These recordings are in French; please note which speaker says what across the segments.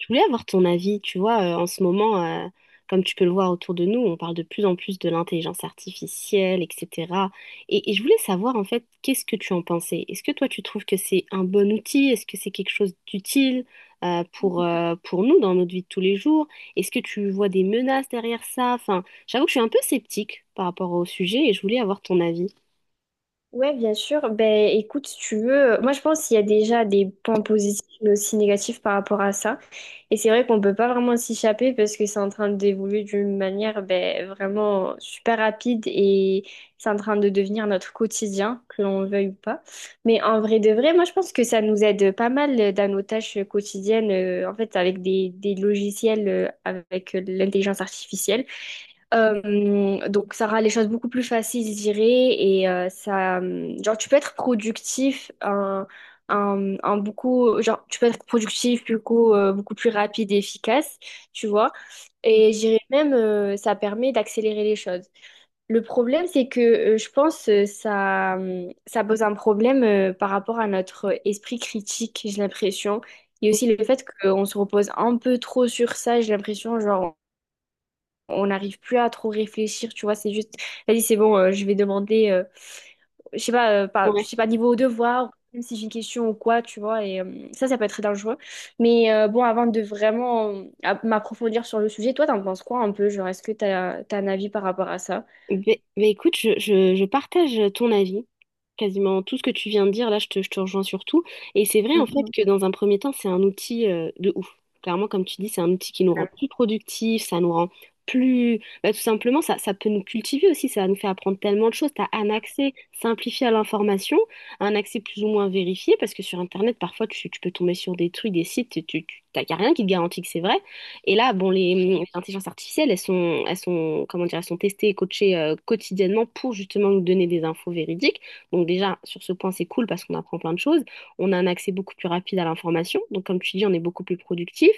Speaker 1: Je voulais avoir ton avis, tu vois, en ce moment, comme tu peux le voir autour de nous, on parle de plus en plus de l'intelligence artificielle, etc. Et je voulais savoir, en fait, qu'est-ce que tu en pensais? Est-ce que toi, tu trouves que c'est un bon outil? Est-ce que c'est quelque chose d'utile, pour nous dans notre vie de tous les jours? Est-ce que tu vois des menaces derrière ça? Enfin, j'avoue que je suis un peu sceptique par rapport au sujet et je voulais avoir ton avis.
Speaker 2: Ouais, bien sûr. Ben, écoute, si tu veux, moi je pense qu'il y a déjà des points positifs mais aussi négatifs par rapport à ça. Et c'est vrai qu'on peut pas vraiment s'échapper parce que c'est en train d'évoluer d'une manière ben, vraiment super rapide et c'est en train de devenir notre quotidien, que l'on le veuille ou pas. Mais en vrai de vrai, moi je pense que ça nous aide pas mal dans nos tâches quotidiennes, en fait, avec des logiciels, avec l'intelligence artificielle. Donc ça rend les choses beaucoup plus faciles, je dirais, et ça, genre tu peux être productif genre tu peux être productif beaucoup beaucoup plus rapide et efficace, tu vois.
Speaker 1: Mm.
Speaker 2: Et je dirais même ça permet d'accélérer les choses. Le problème c'est que je pense ça pose un problème par rapport à notre esprit critique, j'ai l'impression. Et aussi le fait qu'on se repose un peu trop sur ça, j'ai l'impression, genre on n'arrive plus à trop réfléchir, tu vois, c'est juste, vas-y, c'est bon, je vais demander, je sais pas, je
Speaker 1: Ouais.
Speaker 2: sais pas, niveau devoir, même si j'ai une question ou quoi, tu vois, et ça peut être très dangereux. Mais bon, avant de vraiment m'approfondir sur le sujet, toi, t'en penses quoi un peu, genre, est-ce que t'as un avis par rapport à ça?
Speaker 1: Ben, écoute, je partage ton avis, quasiment tout ce que tu viens de dire, là je te rejoins sur tout. Et c'est vrai en fait
Speaker 2: Mhm.
Speaker 1: que dans un premier temps, c'est un outil de ouf. Clairement, comme tu dis, c'est un outil qui nous rend plus productifs, ça nous rend plus... ben, tout simplement, ça peut nous cultiver aussi, ça nous fait apprendre tellement de choses. Tu as un accès simplifié à l'information, un accès plus ou moins vérifié, parce que sur Internet, parfois, tu peux tomber sur des trucs, des sites, t'as y a rien qui te garantit que c'est vrai. Et là, bon, les intelligences artificielles, elles sont, comment dire, elles sont testées et coachées quotidiennement pour justement nous donner des infos véridiques. Donc déjà, sur ce point, c'est cool parce qu'on apprend plein de choses. On a un accès beaucoup plus rapide à l'information. Donc comme tu dis, on est beaucoup plus productif.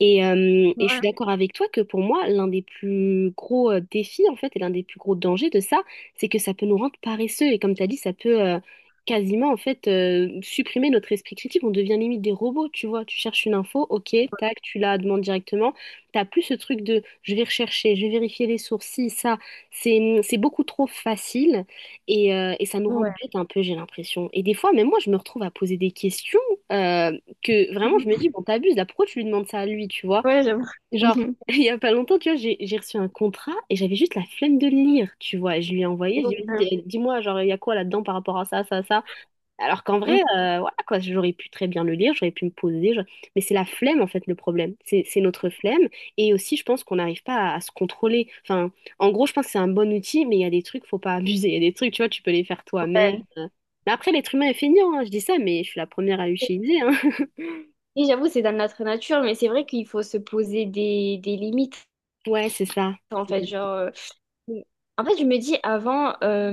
Speaker 1: Et je
Speaker 2: Ouais,
Speaker 1: suis d'accord avec toi que pour moi, l'un des plus gros défis, en fait, et l'un des plus gros dangers de ça, c'est que ça peut nous rendre paresseux. Et comme tu as dit, ça peut, quasiment en fait supprimer notre esprit critique, on devient limite des robots, tu vois, tu cherches une info, ok, tac, tu la demandes directement, t'as plus ce truc de je vais rechercher, je vais vérifier les sources, si, ça, c'est beaucoup trop facile et ça nous rend
Speaker 2: ouais.
Speaker 1: bête un peu, j'ai l'impression. Et des fois, même moi, je me retrouve à poser des questions euh, que vraiment je me
Speaker 2: Mhm.
Speaker 1: dis, bon, t'abuses, là, pourquoi tu lui demandes ça à lui, tu vois?
Speaker 2: Ouais, j'avoue.
Speaker 1: Genre,
Speaker 2: Mhm.
Speaker 1: il y a pas longtemps, tu vois, j'ai reçu un contrat et j'avais juste la flemme de le lire, tu vois, et je lui ai envoyé, je lui
Speaker 2: Ouais.
Speaker 1: ai dit, dis-moi, genre, il y a quoi là-dedans par rapport à ça, ça, ça. Alors qu'en vrai,
Speaker 2: Mhm.
Speaker 1: voilà quoi, j'aurais pu très bien le lire, j'aurais pu me poser, je- mais c'est la flemme en fait le problème. C'est notre flemme et aussi je pense qu'on n'arrive pas à, à se contrôler. Enfin, en gros, je pense que c'est un bon outil, mais il y a des trucs, faut pas abuser. Il y a des trucs, tu vois, tu peux les faire toi-même.
Speaker 2: Ouais.
Speaker 1: Mais après, l'être humain est feignant, hein, je dis ça, mais je suis la première à l'utiliser, hein.
Speaker 2: Oui, j'avoue, c'est dans notre nature, mais c'est vrai qu'il faut se poser des limites,
Speaker 1: Ouais, c'est ça.
Speaker 2: en fait, genre... Mais En fait, je me dis avant,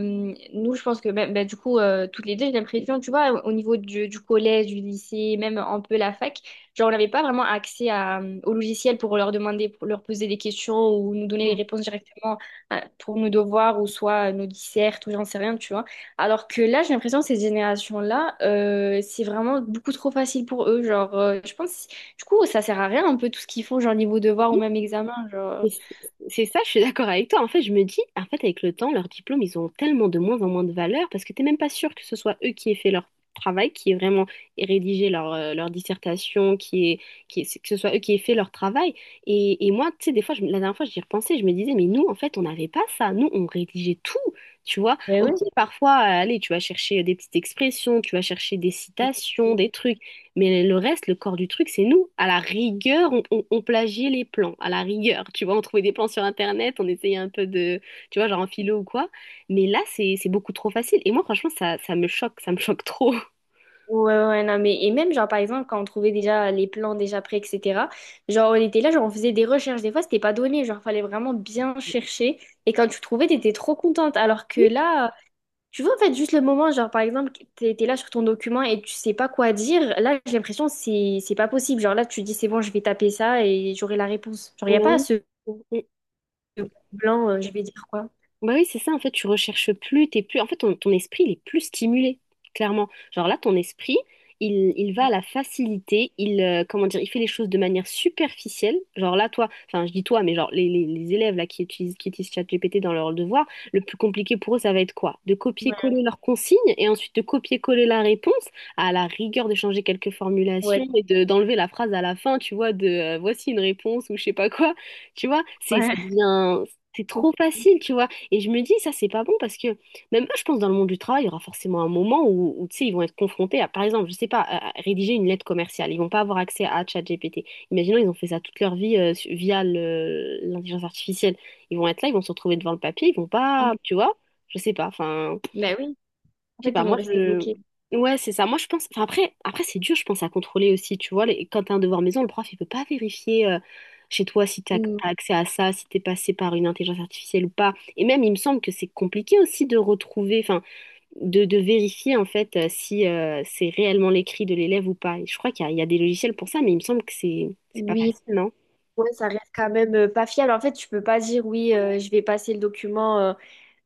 Speaker 2: nous, je pense que même, bah, du coup, toutes les deux, j'ai l'impression, tu vois, au niveau du collège, du lycée, même un peu la fac, genre, on n'avait pas vraiment accès à, au logiciel pour leur demander, pour leur poser des questions ou nous donner les réponses directement pour nos devoirs ou soit nos dissertes ou j'en sais rien, tu vois. Alors que là, j'ai l'impression que ces générations-là, c'est vraiment beaucoup trop facile pour eux. Genre, je pense, du coup, ça sert à rien un peu tout ce qu'ils font, genre niveau devoir ou même examen, genre.
Speaker 1: C'est ça, je suis d'accord avec toi. En fait, je me dis, en fait, avec le temps, leurs diplômes, ils ont tellement de moins en moins de valeur parce que t'es même pas sûr que ce soit eux qui aient fait leur travail, qui aient vraiment rédigé leur, leur dissertation, que ce soit eux qui aient fait leur travail. Et moi, tu sais, des fois, la dernière fois, j'y repensais, je me disais, mais nous, en fait, on n'avait pas ça. Nous, on rédigeait tout, tu vois.
Speaker 2: Ben
Speaker 1: Ok,
Speaker 2: oui.
Speaker 1: parfois, allez, tu vas chercher des petites expressions, tu vas chercher des citations, des trucs. Mais le reste, le corps du truc, c'est nous. À la rigueur, on plagiait les plans. À la rigueur, tu vois, on trouvait des plans sur Internet, on essayait un peu de, tu vois, genre en philo ou quoi. Mais là, c'est beaucoup trop facile. Et moi, franchement, ça me choque trop.
Speaker 2: Ouais, ouais, ouais, non, mais et même, genre, par exemple, quand on trouvait déjà les plans déjà prêts, etc., genre, on était là, genre, on faisait des recherches. Des fois, c'était pas donné, genre, fallait vraiment bien chercher. Et quand tu trouvais, t'étais trop contente. Alors que
Speaker 1: Oui,
Speaker 2: là, tu vois, en fait, juste le moment, genre, par exemple, t'étais là sur ton document et tu sais pas quoi dire, là, j'ai l'impression, que c'est pas possible. Genre, là, tu dis, c'est bon, je vais taper ça et j'aurai la réponse. Genre, y a pas
Speaker 1: on
Speaker 2: ce
Speaker 1: a-
Speaker 2: blanc, je vais dire quoi.
Speaker 1: Bah oui, c'est ça, en fait, tu recherches plus, t'es plus... En fait, ton esprit, il est plus stimulé, clairement. Genre là, ton esprit, il va à la facilité, il, comment dire, il fait les choses de manière superficielle. Genre là, toi, enfin, je dis toi, mais genre les élèves là qui utilisent ChatGPT dans leur devoir, le plus compliqué pour eux, ça va être quoi? De
Speaker 2: Ouais,
Speaker 1: copier-coller leurs consignes et ensuite de copier-coller la réponse, à la rigueur de changer quelques
Speaker 2: ouais,
Speaker 1: formulations et de, d'enlever la phrase à la fin, tu vois, de voici une réponse ou je sais pas quoi. Tu vois, ça
Speaker 2: ouais.
Speaker 1: devient... C'est trop facile, tu vois. Et je me dis, ça, c'est pas bon parce que même eux, je pense, dans le monde du travail, il y aura forcément un moment où, tu sais, ils vont être confrontés à, par exemple, je sais pas, à rédiger une lettre commerciale. Ils vont pas avoir accès à ChatGPT. Imaginons, ils ont fait ça toute leur vie via l'intelligence artificielle. Ils vont être là, ils vont se retrouver devant le papier, ils vont pas, tu vois, je sais pas, enfin.
Speaker 2: Ben oui, en
Speaker 1: Je sais
Speaker 2: fait, ils
Speaker 1: pas,
Speaker 2: vont
Speaker 1: moi
Speaker 2: rester
Speaker 1: je.
Speaker 2: bloqués.
Speaker 1: Ouais, c'est ça. Moi je pense. Enfin, après c'est dur, je pense, à contrôler aussi. Tu vois, les... quand t'as un devoir maison, le prof, il peut pas vérifier chez toi si t'as
Speaker 2: Mm.
Speaker 1: accès à ça, si t'es passé par une intelligence artificielle ou pas. Et même, il me semble que c'est compliqué aussi de retrouver, enfin, de vérifier en fait si c'est réellement l'écrit de l'élève ou pas. Et je crois il y a des logiciels pour ça, mais il me semble que c'est pas
Speaker 2: Oui.
Speaker 1: facile, non?
Speaker 2: Ouais, ça reste quand même pas fiable. En fait, tu peux pas dire oui, je vais passer le document.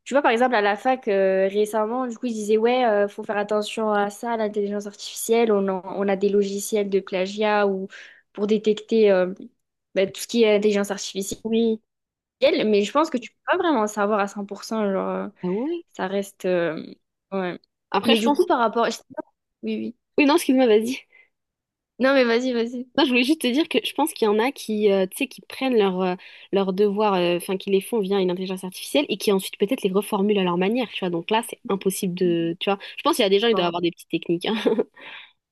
Speaker 2: Tu vois, par exemple, à la fac, récemment, du coup, ils disaient ouais, faut faire attention à ça, à l'intelligence artificielle. On a des logiciels de plagiat ou pour détecter bah, tout ce qui est intelligence artificielle.
Speaker 1: Oui.
Speaker 2: Mais je pense que tu peux pas vraiment savoir à 100%. Genre,
Speaker 1: Ah ouais?
Speaker 2: ça reste, ouais.
Speaker 1: Après,
Speaker 2: Mais
Speaker 1: je
Speaker 2: du coup,
Speaker 1: pense.
Speaker 2: par rapport. Oui, oui.
Speaker 1: Oui, non, excuse-moi, vas-y.
Speaker 2: Non, mais vas-y, vas-y.
Speaker 1: Non, je voulais juste te dire que je pense qu'il y en a qui, tu sais, qui prennent leurs leurs devoirs, enfin, qui les font via une intelligence artificielle et qui ensuite peut-être les reformulent à leur manière, tu vois. Donc là, c'est impossible de, tu vois. Je pense qu'il y a des gens, ils doivent avoir des petites techniques, hein.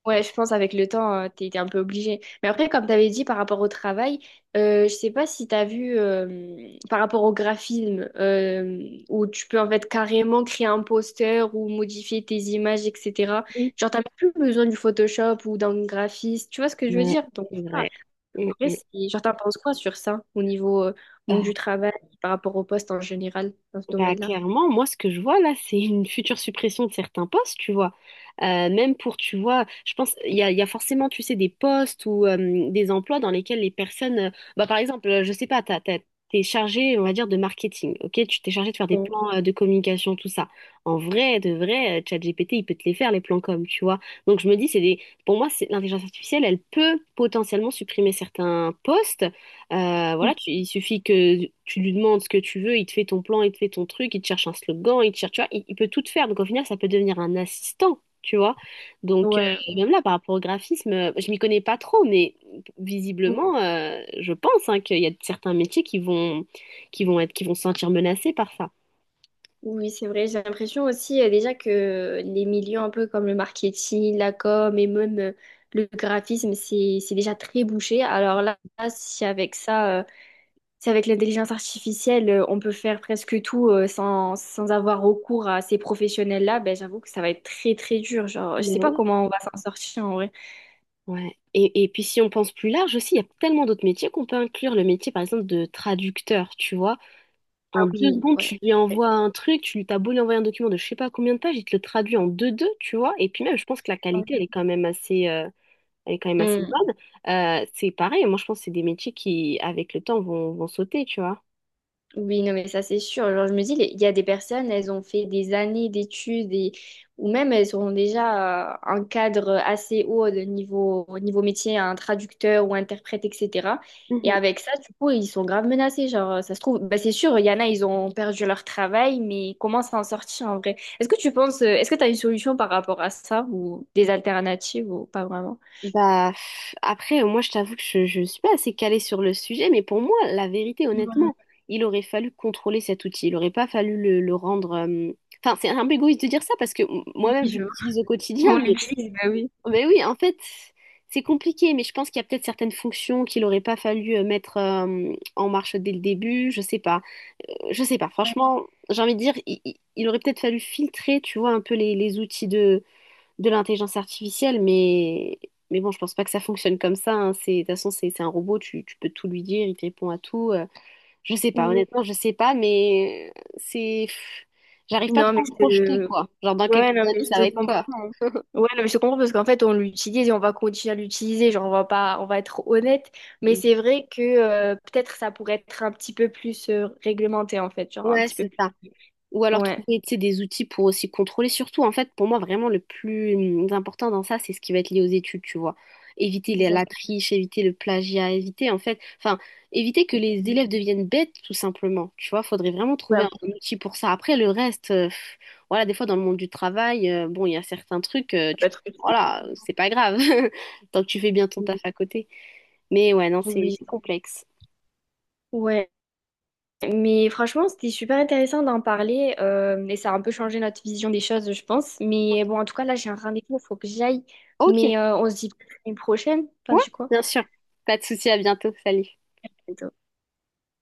Speaker 2: Ouais, je pense avec le temps, t'es un peu obligé. Mais après, comme t'avais dit par rapport au travail, je sais pas si t'as vu par rapport au graphisme où tu peux en fait carrément créer un poster ou modifier tes images, etc.
Speaker 1: Oui.
Speaker 2: Genre, t'as plus besoin du Photoshop ou d'un graphiste. Tu vois ce que je veux
Speaker 1: Ouais,
Speaker 2: dire? Donc,
Speaker 1: c'est
Speaker 2: ah,
Speaker 1: vrai. Mm,
Speaker 2: après,
Speaker 1: mm.
Speaker 2: c'est- genre, t'en penses quoi sur ça au niveau
Speaker 1: Euh,
Speaker 2: monde du travail par rapport au poste en général dans ce
Speaker 1: Bah,
Speaker 2: domaine-là?
Speaker 1: clairement, moi, ce que je vois là, c'est une future suppression de certains postes, tu vois. Même pour, tu vois, je pense, il y a forcément, tu sais, des postes ou des emplois dans lesquels les personnes, bah, par exemple, je sais pas, t'es chargé, on va dire, de marketing, ok? Tu T'es chargé de faire des
Speaker 2: Ouais.
Speaker 1: plans de communication, tout ça. En vrai, de vrai, ChatGPT, il peut te les faire, les plans com, tu vois. Donc, je me dis, c'est des, pour moi, c'est l'intelligence artificielle, elle peut potentiellement supprimer certains postes. Voilà, il suffit que tu lui demandes ce que tu veux, il te fait ton plan, il te fait ton truc, il te cherche un slogan, il te cherche, tu vois, il peut tout te faire. Donc au final, ça peut devenir un assistant, tu vois. Donc
Speaker 2: Ouais.
Speaker 1: même là, par rapport au graphisme, je m'y connais pas trop, mais visiblement, je pense hein, qu'il y a certains métiers qui vont, qui vont se sentir menacés par ça.
Speaker 2: Oui, c'est vrai. J'ai l'impression aussi déjà que les milieux un peu comme le marketing, la com et même le graphisme, c'est déjà très bouché. Alors là, si avec ça, si avec l'intelligence artificielle, on peut faire presque tout sans avoir recours à ces professionnels-là, ben, j'avoue que ça va être très très dur. Genre, je sais
Speaker 1: Ben
Speaker 2: pas
Speaker 1: oui.
Speaker 2: comment on va s'en sortir en vrai.
Speaker 1: Ouais. Et puis si on pense plus large aussi, il y a tellement d'autres métiers qu'on peut inclure. Le métier, par exemple, de traducteur, tu vois.
Speaker 2: Ah
Speaker 1: En deux
Speaker 2: oui,
Speaker 1: secondes,
Speaker 2: ouais.
Speaker 1: tu lui
Speaker 2: c'est
Speaker 1: envoies un truc, tu t'as beau lui envoyer un document de je sais pas combien de pages, il te le traduit en deux-deux, tu vois. Et puis même, je pense que la qualité, elle est quand même assez, elle est quand même assez bonne. C'est pareil, moi je pense que c'est des métiers qui, avec le temps, vont sauter, tu vois.
Speaker 2: Oui, non, mais ça c'est sûr. Genre, je me dis, les- il y a des personnes, elles ont fait des années d'études et... ou même elles ont déjà un cadre assez haut de niveau... au niveau métier, un traducteur ou interprète, etc. Et
Speaker 1: Mhm.
Speaker 2: avec ça, du coup, ils sont grave menacés. Genre, ça se trouve, bah, c'est sûr, il y en a, ils ont perdu leur travail, mais comment s'en sortir en vrai? Est-ce que tu penses, est-ce que tu as une solution par rapport à ça ou des alternatives ou pas vraiment?
Speaker 1: Bah, pff, après, moi, je t'avoue que je ne suis pas assez calée sur le sujet, mais pour moi, la vérité, honnêtement, il aurait fallu contrôler cet outil. Il n'aurait pas fallu le rendre. Euh, enfin, c'est un peu égoïste de dire ça parce que
Speaker 2: Oui,
Speaker 1: moi-même, je
Speaker 2: je vois.
Speaker 1: l'utilise au quotidien,
Speaker 2: On
Speaker 1: mais
Speaker 2: l'utilise, bah oui.
Speaker 1: Mais oui, en fait, c'est compliqué, mais je pense qu'il y a peut-être certaines fonctions qu'il aurait pas fallu mettre en marche dès le début, je sais pas. Je sais pas,
Speaker 2: Ouais.
Speaker 1: franchement, j'ai envie de dire, il aurait peut-être fallu filtrer, tu vois, un peu les outils de l'intelligence artificielle, mais bon, je pense pas que ça fonctionne comme ça, hein. C'est, de toute façon, c'est un robot, tu peux tout lui dire, il te répond à tout. Euh, je sais pas,
Speaker 2: Oui.
Speaker 1: honnêtement, je sais pas, mais c'est... pff, j'arrive pas
Speaker 2: Non,
Speaker 1: trop
Speaker 2: mais
Speaker 1: à me
Speaker 2: c'est
Speaker 1: projeter, quoi. Genre, dans quelques
Speaker 2: Ouais, non, mais
Speaker 1: années, ça
Speaker 2: je te
Speaker 1: va être
Speaker 2: comprends.
Speaker 1: quoi?
Speaker 2: Hein. Ouais, non, mais je te comprends parce qu'en fait, on l'utilise et on va continuer à l'utiliser. Genre, on va pas, on va être honnête. Mais c'est vrai que peut-être ça pourrait être un petit peu plus réglementé, en fait. Genre, un
Speaker 1: Ouais,
Speaker 2: petit peu
Speaker 1: c'est
Speaker 2: plus.
Speaker 1: ça. Ou alors
Speaker 2: Ouais,
Speaker 1: trouver, tu sais, des outils pour aussi contrôler. Surtout, en fait, pour moi, vraiment, le plus important dans ça, c'est ce qui va être lié aux études, tu vois. Éviter la
Speaker 2: exactement.
Speaker 1: triche, éviter le plagiat, éviter, en fait, enfin, éviter que les
Speaker 2: Ouais,
Speaker 1: élèves deviennent bêtes, tout simplement. Tu vois, faudrait vraiment trouver
Speaker 2: ça
Speaker 1: un, outil pour ça. Après, le reste, pff, voilà, des fois, dans le monde du travail, bon, il y a certains trucs,
Speaker 2: peut
Speaker 1: tu,
Speaker 2: être utile.
Speaker 1: voilà, c'est pas grave, tant que tu fais bien ton taf à côté. Mais ouais, non,
Speaker 2: Oui.
Speaker 1: c'est complexe.
Speaker 2: Ouais, mais franchement, c'était super intéressant d'en parler et ça a un peu changé notre vision des choses, je pense. Mais bon, en tout cas, là, j'ai un rendez-vous, il faut que j'aille.
Speaker 1: Ok,
Speaker 2: Mais on se dit peut-être une prochaine. Enfin,
Speaker 1: ouais,
Speaker 2: du coup.
Speaker 1: bien sûr. Pas de souci, à bientôt, salut.